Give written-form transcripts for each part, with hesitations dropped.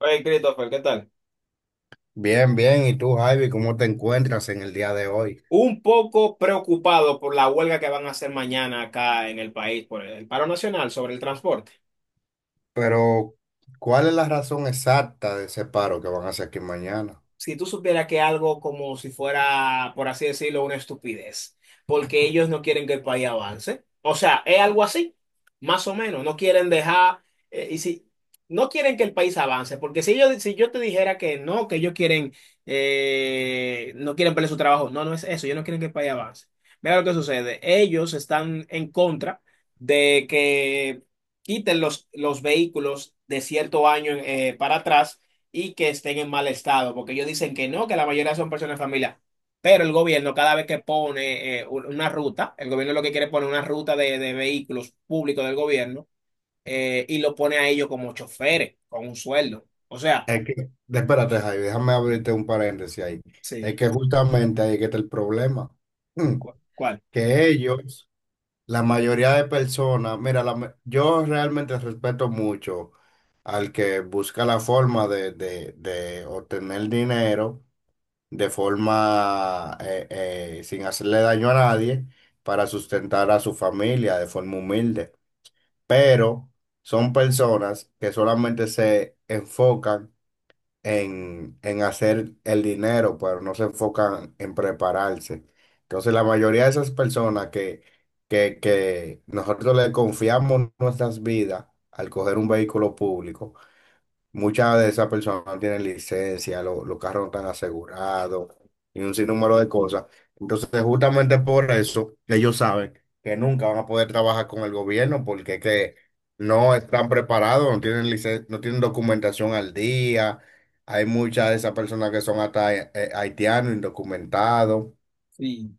Hey, Christopher, ¿qué tal? Bien, bien. ¿Y tú, Javi, cómo te encuentras en el día de hoy? Un poco preocupado por la huelga que van a hacer mañana acá en el país por el paro nacional sobre el transporte. Pero, ¿cuál es la razón exacta de ese paro que van a hacer aquí mañana? Si tú supieras que algo como si fuera, por así decirlo, una estupidez, porque ellos no quieren que el país avance. O sea, es algo así, más o menos. No quieren dejar, y si no quieren que el país avance, porque si yo te dijera que no, que ellos quieren, no quieren perder su trabajo, no, no es eso, ellos no quieren que el país avance. Mira lo que sucede, ellos están en contra de que quiten los vehículos de cierto año para atrás, y que estén en mal estado, porque ellos dicen que no, que la mayoría son personas de familia. Pero el gobierno, cada vez que pone una ruta, el gobierno lo que quiere es poner una ruta de vehículos públicos del gobierno, y lo pone a ellos como choferes, con un sueldo. O sea, Es que, espérate, Javi, déjame abrirte un paréntesis ahí. sí. Es que justamente ahí es que está el problema. Mm. ¿Cuál? Que ellos, la mayoría de personas, mira, yo realmente respeto mucho al que busca la forma de obtener dinero de forma sin hacerle daño a nadie para sustentar a su familia de forma humilde. Pero son personas que solamente se enfocan en hacer el dinero, pero no se enfocan en prepararse. Entonces la mayoría de esas personas que nosotros le confiamos nuestras vidas al coger un vehículo público. Muchas de esas personas no tienen licencia, los carros no están asegurados y un sinnúmero de cosas. Entonces, justamente por eso, ellos saben que nunca van a poder trabajar con el gobierno porque es que no están preparados, no tienen documentación al día. Hay muchas de esas personas que son hasta haitianos, indocumentados. Sí.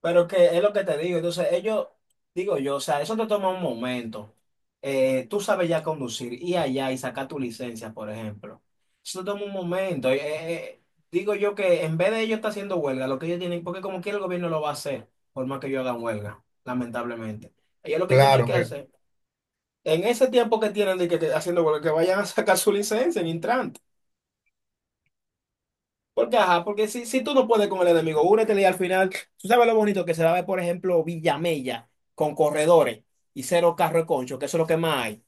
Pero que es lo que te digo, entonces ellos, digo yo, o sea, eso te toma un momento. Tú sabes ya conducir, y allá y sacar tu licencia, por ejemplo. Eso te toma un momento. Digo yo que en vez de ellos estar haciendo huelga, lo que ellos tienen, porque como quiera el gobierno lo va a hacer, por más que ellos hagan huelga, lamentablemente. Ellos lo que tienen Claro que que hacer, en ese tiempo que tienen de que haciendo huelga, que vayan a sacar su licencia en Intran. Porque, ajá, porque si tú no puedes con el enemigo, únete, y al final, tú sabes lo bonito que se va a ver, por ejemplo, Villamella con corredores y cero carro de concho, que eso es lo que más hay,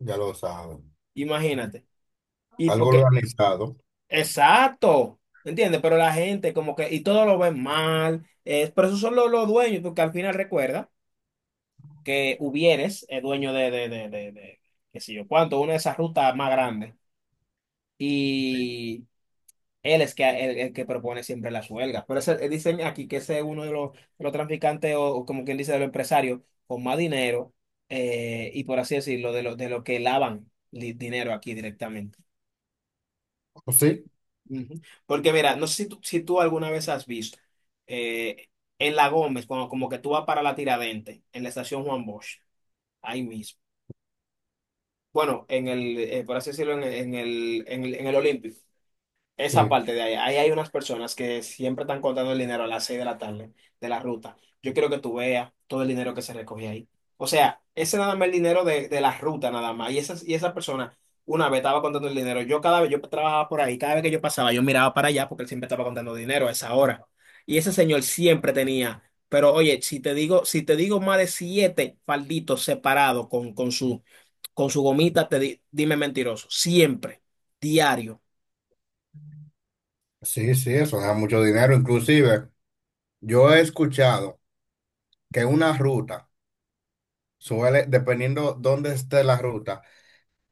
ya lo saben. imagínate. Y Algo porque, organizado. exacto, ¿entiendes? Pero la gente como que, y todo lo ven mal, pero esos son los dueños, porque al final recuerda que Hubieres es dueño de qué sé yo, cuánto, una de esas rutas más grandes. Y él es que, el que propone siempre las huelgas. Por eso, dicen aquí que ese es uno de los traficantes, o como quien dice, de los empresarios con más dinero, y por así decirlo, de lo que lavan dinero aquí directamente. Sí, Ujú. Porque mira, no sé si tú alguna vez has visto, eh, en La Gómez, cuando como que tú vas para la Tiradente, en la estación Juan Bosch, ahí mismo. Bueno, por así decirlo, en el Olímpico. Esa sí. parte de ahí, ahí hay unas personas que siempre están contando el dinero a las 6 de la tarde, de la ruta. Yo quiero que tú veas todo el dinero que se recoge ahí. O sea, ese nada más el dinero de la ruta nada más. Y esa persona una vez estaba contando el dinero. Yo cada vez yo trabajaba por ahí, cada vez que yo pasaba, yo miraba para allá porque él siempre estaba contando dinero a esa hora. Y ese señor siempre tenía, pero oye, si te digo más de siete falditos separados con su gomita, dime mentiroso. Siempre, diario. Sí, sí, eso da mucho dinero. Inclusive, yo he escuchado que una ruta suele, dependiendo dónde esté la ruta,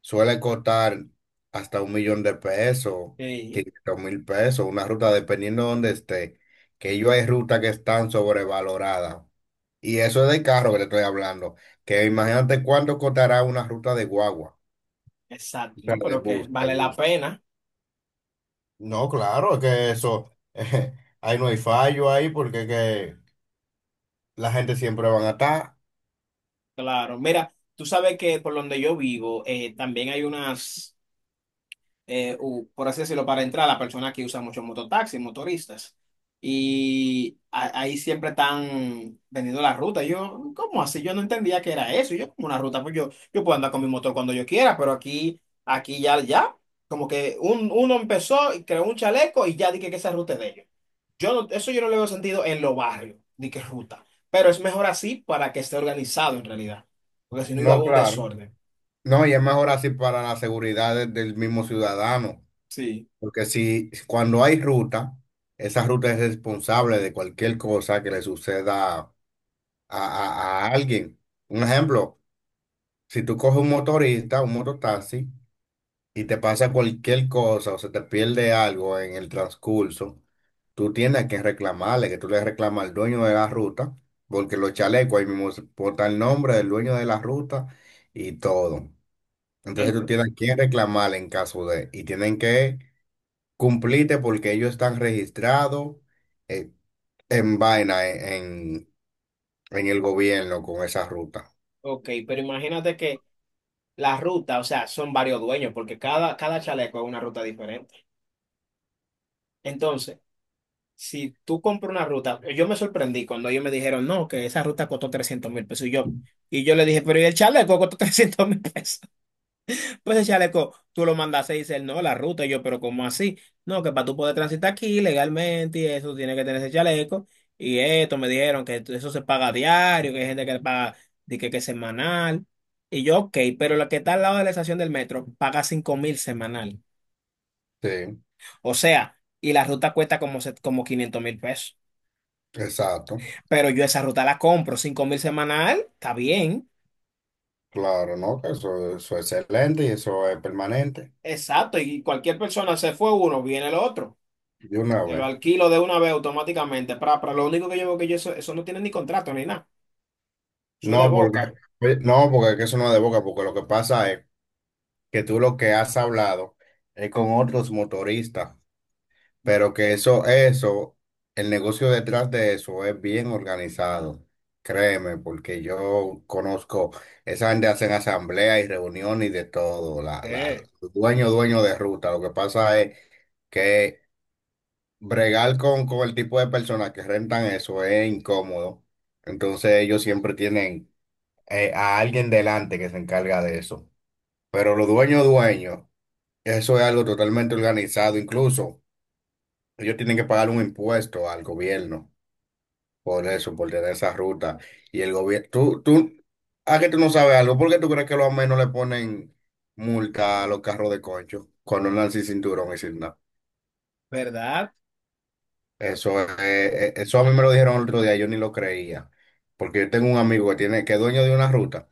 suele costar hasta 1 millón de pesos, 500.000 pesos, una ruta dependiendo dónde esté, que yo hay rutas que están sobrevaloradas. Y eso es de carro que te estoy hablando, que imagínate cuánto costará una ruta de guagua, Exacto, o sea, ¿no? de Pero que bus, de vale la bus. pena, No, claro, es que eso, ahí no hay fallo ahí porque que la gente siempre van a estar. claro. Mira, tú sabes que por donde yo vivo, también hay unas, por así decirlo, para entrar, la persona que usa mucho mototaxi, motoristas. Y ahí siempre están vendiendo la ruta. Yo, ¿cómo así? Yo no entendía que era eso. Yo como una ruta, pues yo puedo andar con mi motor cuando yo quiera, pero aquí ya, ya, como que uno empezó y creó un chaleco y ya dije que esa ruta es de ellos. Yo no- Eso yo no le veo sentido en los barrios, ni que ruta. Pero es mejor así para que esté organizado en realidad. Porque si no iba a No, haber un claro. desorden. No, y es mejor así para la seguridad del mismo ciudadano, Sí. porque si cuando hay ruta, esa ruta es responsable de cualquier cosa que le suceda a alguien. Un ejemplo, si tú coges un motorista, un mototaxi, y te pasa cualquier cosa o se te pierde algo en el transcurso, tú tienes que reclamarle, que tú le reclamas al dueño de la ruta, porque los chalecos ahí mismo botan el nombre del dueño de la ruta y todo. Entonces El, tú tienes que reclamar en caso de, y tienen que cumplirte porque ellos están registrados eh, en vaina, en el gobierno con esa ruta. ok, pero imagínate que la ruta, o sea, son varios dueños, porque cada chaleco es una ruta diferente. Entonces, si tú compras una ruta, yo me sorprendí cuando ellos me dijeron, no, que esa ruta costó 300.000 pesos. Y yo le dije, pero ¿y el chaleco costó 300.000 pesos? Pues el chaleco, tú lo mandas y dices, no, la ruta, y yo, pero ¿cómo así? No, que para tú poder transitar aquí legalmente y eso, tiene que tener ese chaleco. Y esto, me dijeron que eso se paga diario, que hay gente que le paga, di que, es semanal. Y yo, ok, pero la que está al lado de la estación del metro paga 5.000 semanal. Sí, O sea, y la ruta cuesta como, como 500.000 pesos. exacto. Pero yo esa ruta la compro, 5.000 semanal, está bien. Claro, ¿no? Que eso es excelente y eso es permanente. Exacto, y cualquier persona se fue uno, viene el otro. De una Te lo vez. alquilo de una vez automáticamente. Para lo único que yo veo que yo eso no tiene ni contrato ni nada. Eso es de No, porque, boca. oye, no, porque es que eso no es de boca, porque lo que pasa es que tú lo que has hablado es con otros motoristas. Pero que eso, el negocio detrás de eso es bien organizado, créeme, porque yo conozco, esa gente hacen asambleas y reuniones y de todo, la, la, ¿Qué? dueño, dueño de ruta, lo que pasa es que bregar con el tipo de personas que rentan eso es incómodo, entonces ellos siempre tienen a alguien delante que se encarga de eso, pero los dueños, dueños, eso es algo totalmente organizado, incluso ellos tienen que pagar un impuesto al gobierno. Por eso, por tener esa ruta. Y el gobierno, tú, ¿a que tú no sabes algo? ¿Por qué tú crees que los no le ponen multa a los carros de concho cuando andan sin cinturón y sin nada? ¿Verdad? Eso, eso a mí me lo dijeron el otro día, yo ni lo creía. Porque yo tengo un amigo que es dueño de una ruta.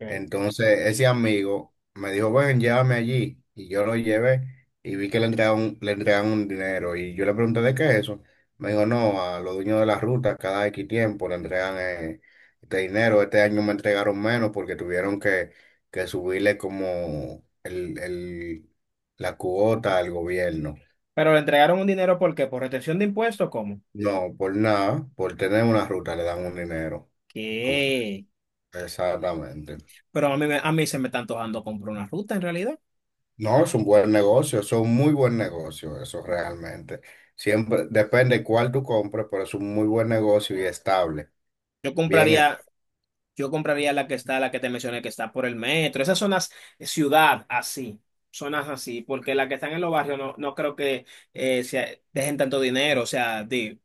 Ok. Entonces ese amigo me dijo, ven, llévame allí. Y yo lo llevé y vi que le entregaban un dinero. Y yo le pregunté, ¿de qué es eso? Me dijo, no, a los dueños de las rutas cada X tiempo le entregan este dinero. Este año me entregaron menos porque tuvieron que subirle como la cuota al gobierno. Pero le entregaron un dinero, ¿por qué? ¿Por retención de impuestos? ¿Cómo? No, por nada, por tener una ruta le dan un dinero. Como- ¿Qué? Exactamente. Pero a mí, a mí se me está antojando comprar una ruta en realidad. No, es un buen negocio, es un muy buen negocio, eso realmente. Siempre depende cuál tú compres, pero es un muy buen negocio y estable. Yo Bien, es- compraría, yo compraría la que está, la que te mencioné, que está por el metro. Esas zonas, ciudad así. Zonas así, porque las que están en los barrios no creo que eh, sea- dejen tanto dinero. O sea,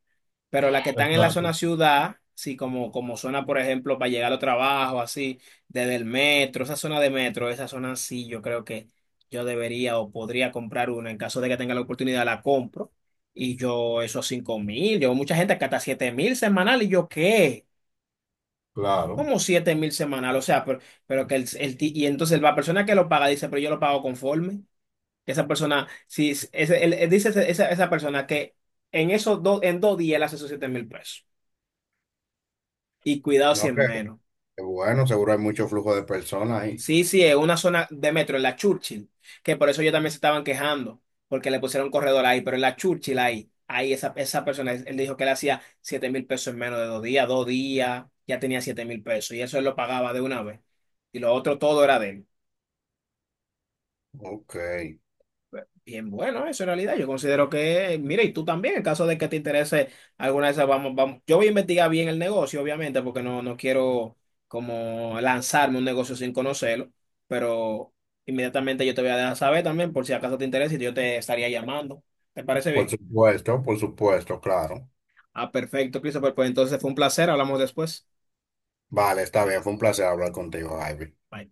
pero las que están en la zona ciudad, sí, como zona, por ejemplo, para llegar al trabajo, así, desde el metro, esa zona de metro, esa zona sí, yo creo que yo debería o podría comprar una. En caso de que tenga la oportunidad, la compro. Y yo, esos 5.000, yo, mucha gente que hasta 7.000 semanal, y yo, ¿qué? Claro. Como 7.000 semanal, o sea, pero que y entonces la persona que lo paga dice, pero yo lo pago conforme. Esa persona, si, ese, él dice esa persona que en dos días él hace esos 7.000 pesos. Y cuidado si No, es que- menos. que bueno, seguro hay mucho flujo de personas ahí. Sí, sí, es una zona de metro, en la Churchill, que por eso ellos también se estaban quejando, porque le pusieron corredor ahí, pero en la Churchill ahí, esa persona, él dijo que él hacía 7.000 pesos en menos de 2 días, 2 días, ya tenía 7.000 pesos y eso él lo pagaba de una vez. Y lo otro todo era de él. Ok, Bien, bueno, eso en realidad yo considero que, mire, y tú también, en caso de que te interese alguna de esas, vamos, vamos, yo voy a investigar bien el negocio, obviamente, porque no quiero como lanzarme un negocio sin conocerlo, pero inmediatamente yo te voy a dejar saber también, por si acaso te interesa, y yo te estaría llamando. ¿Te parece bien? Por supuesto, claro. Ah, perfecto, Christopher, pues entonces fue un placer, hablamos después. Vale, está bien, fue un placer hablar contigo, Ivy. Bye.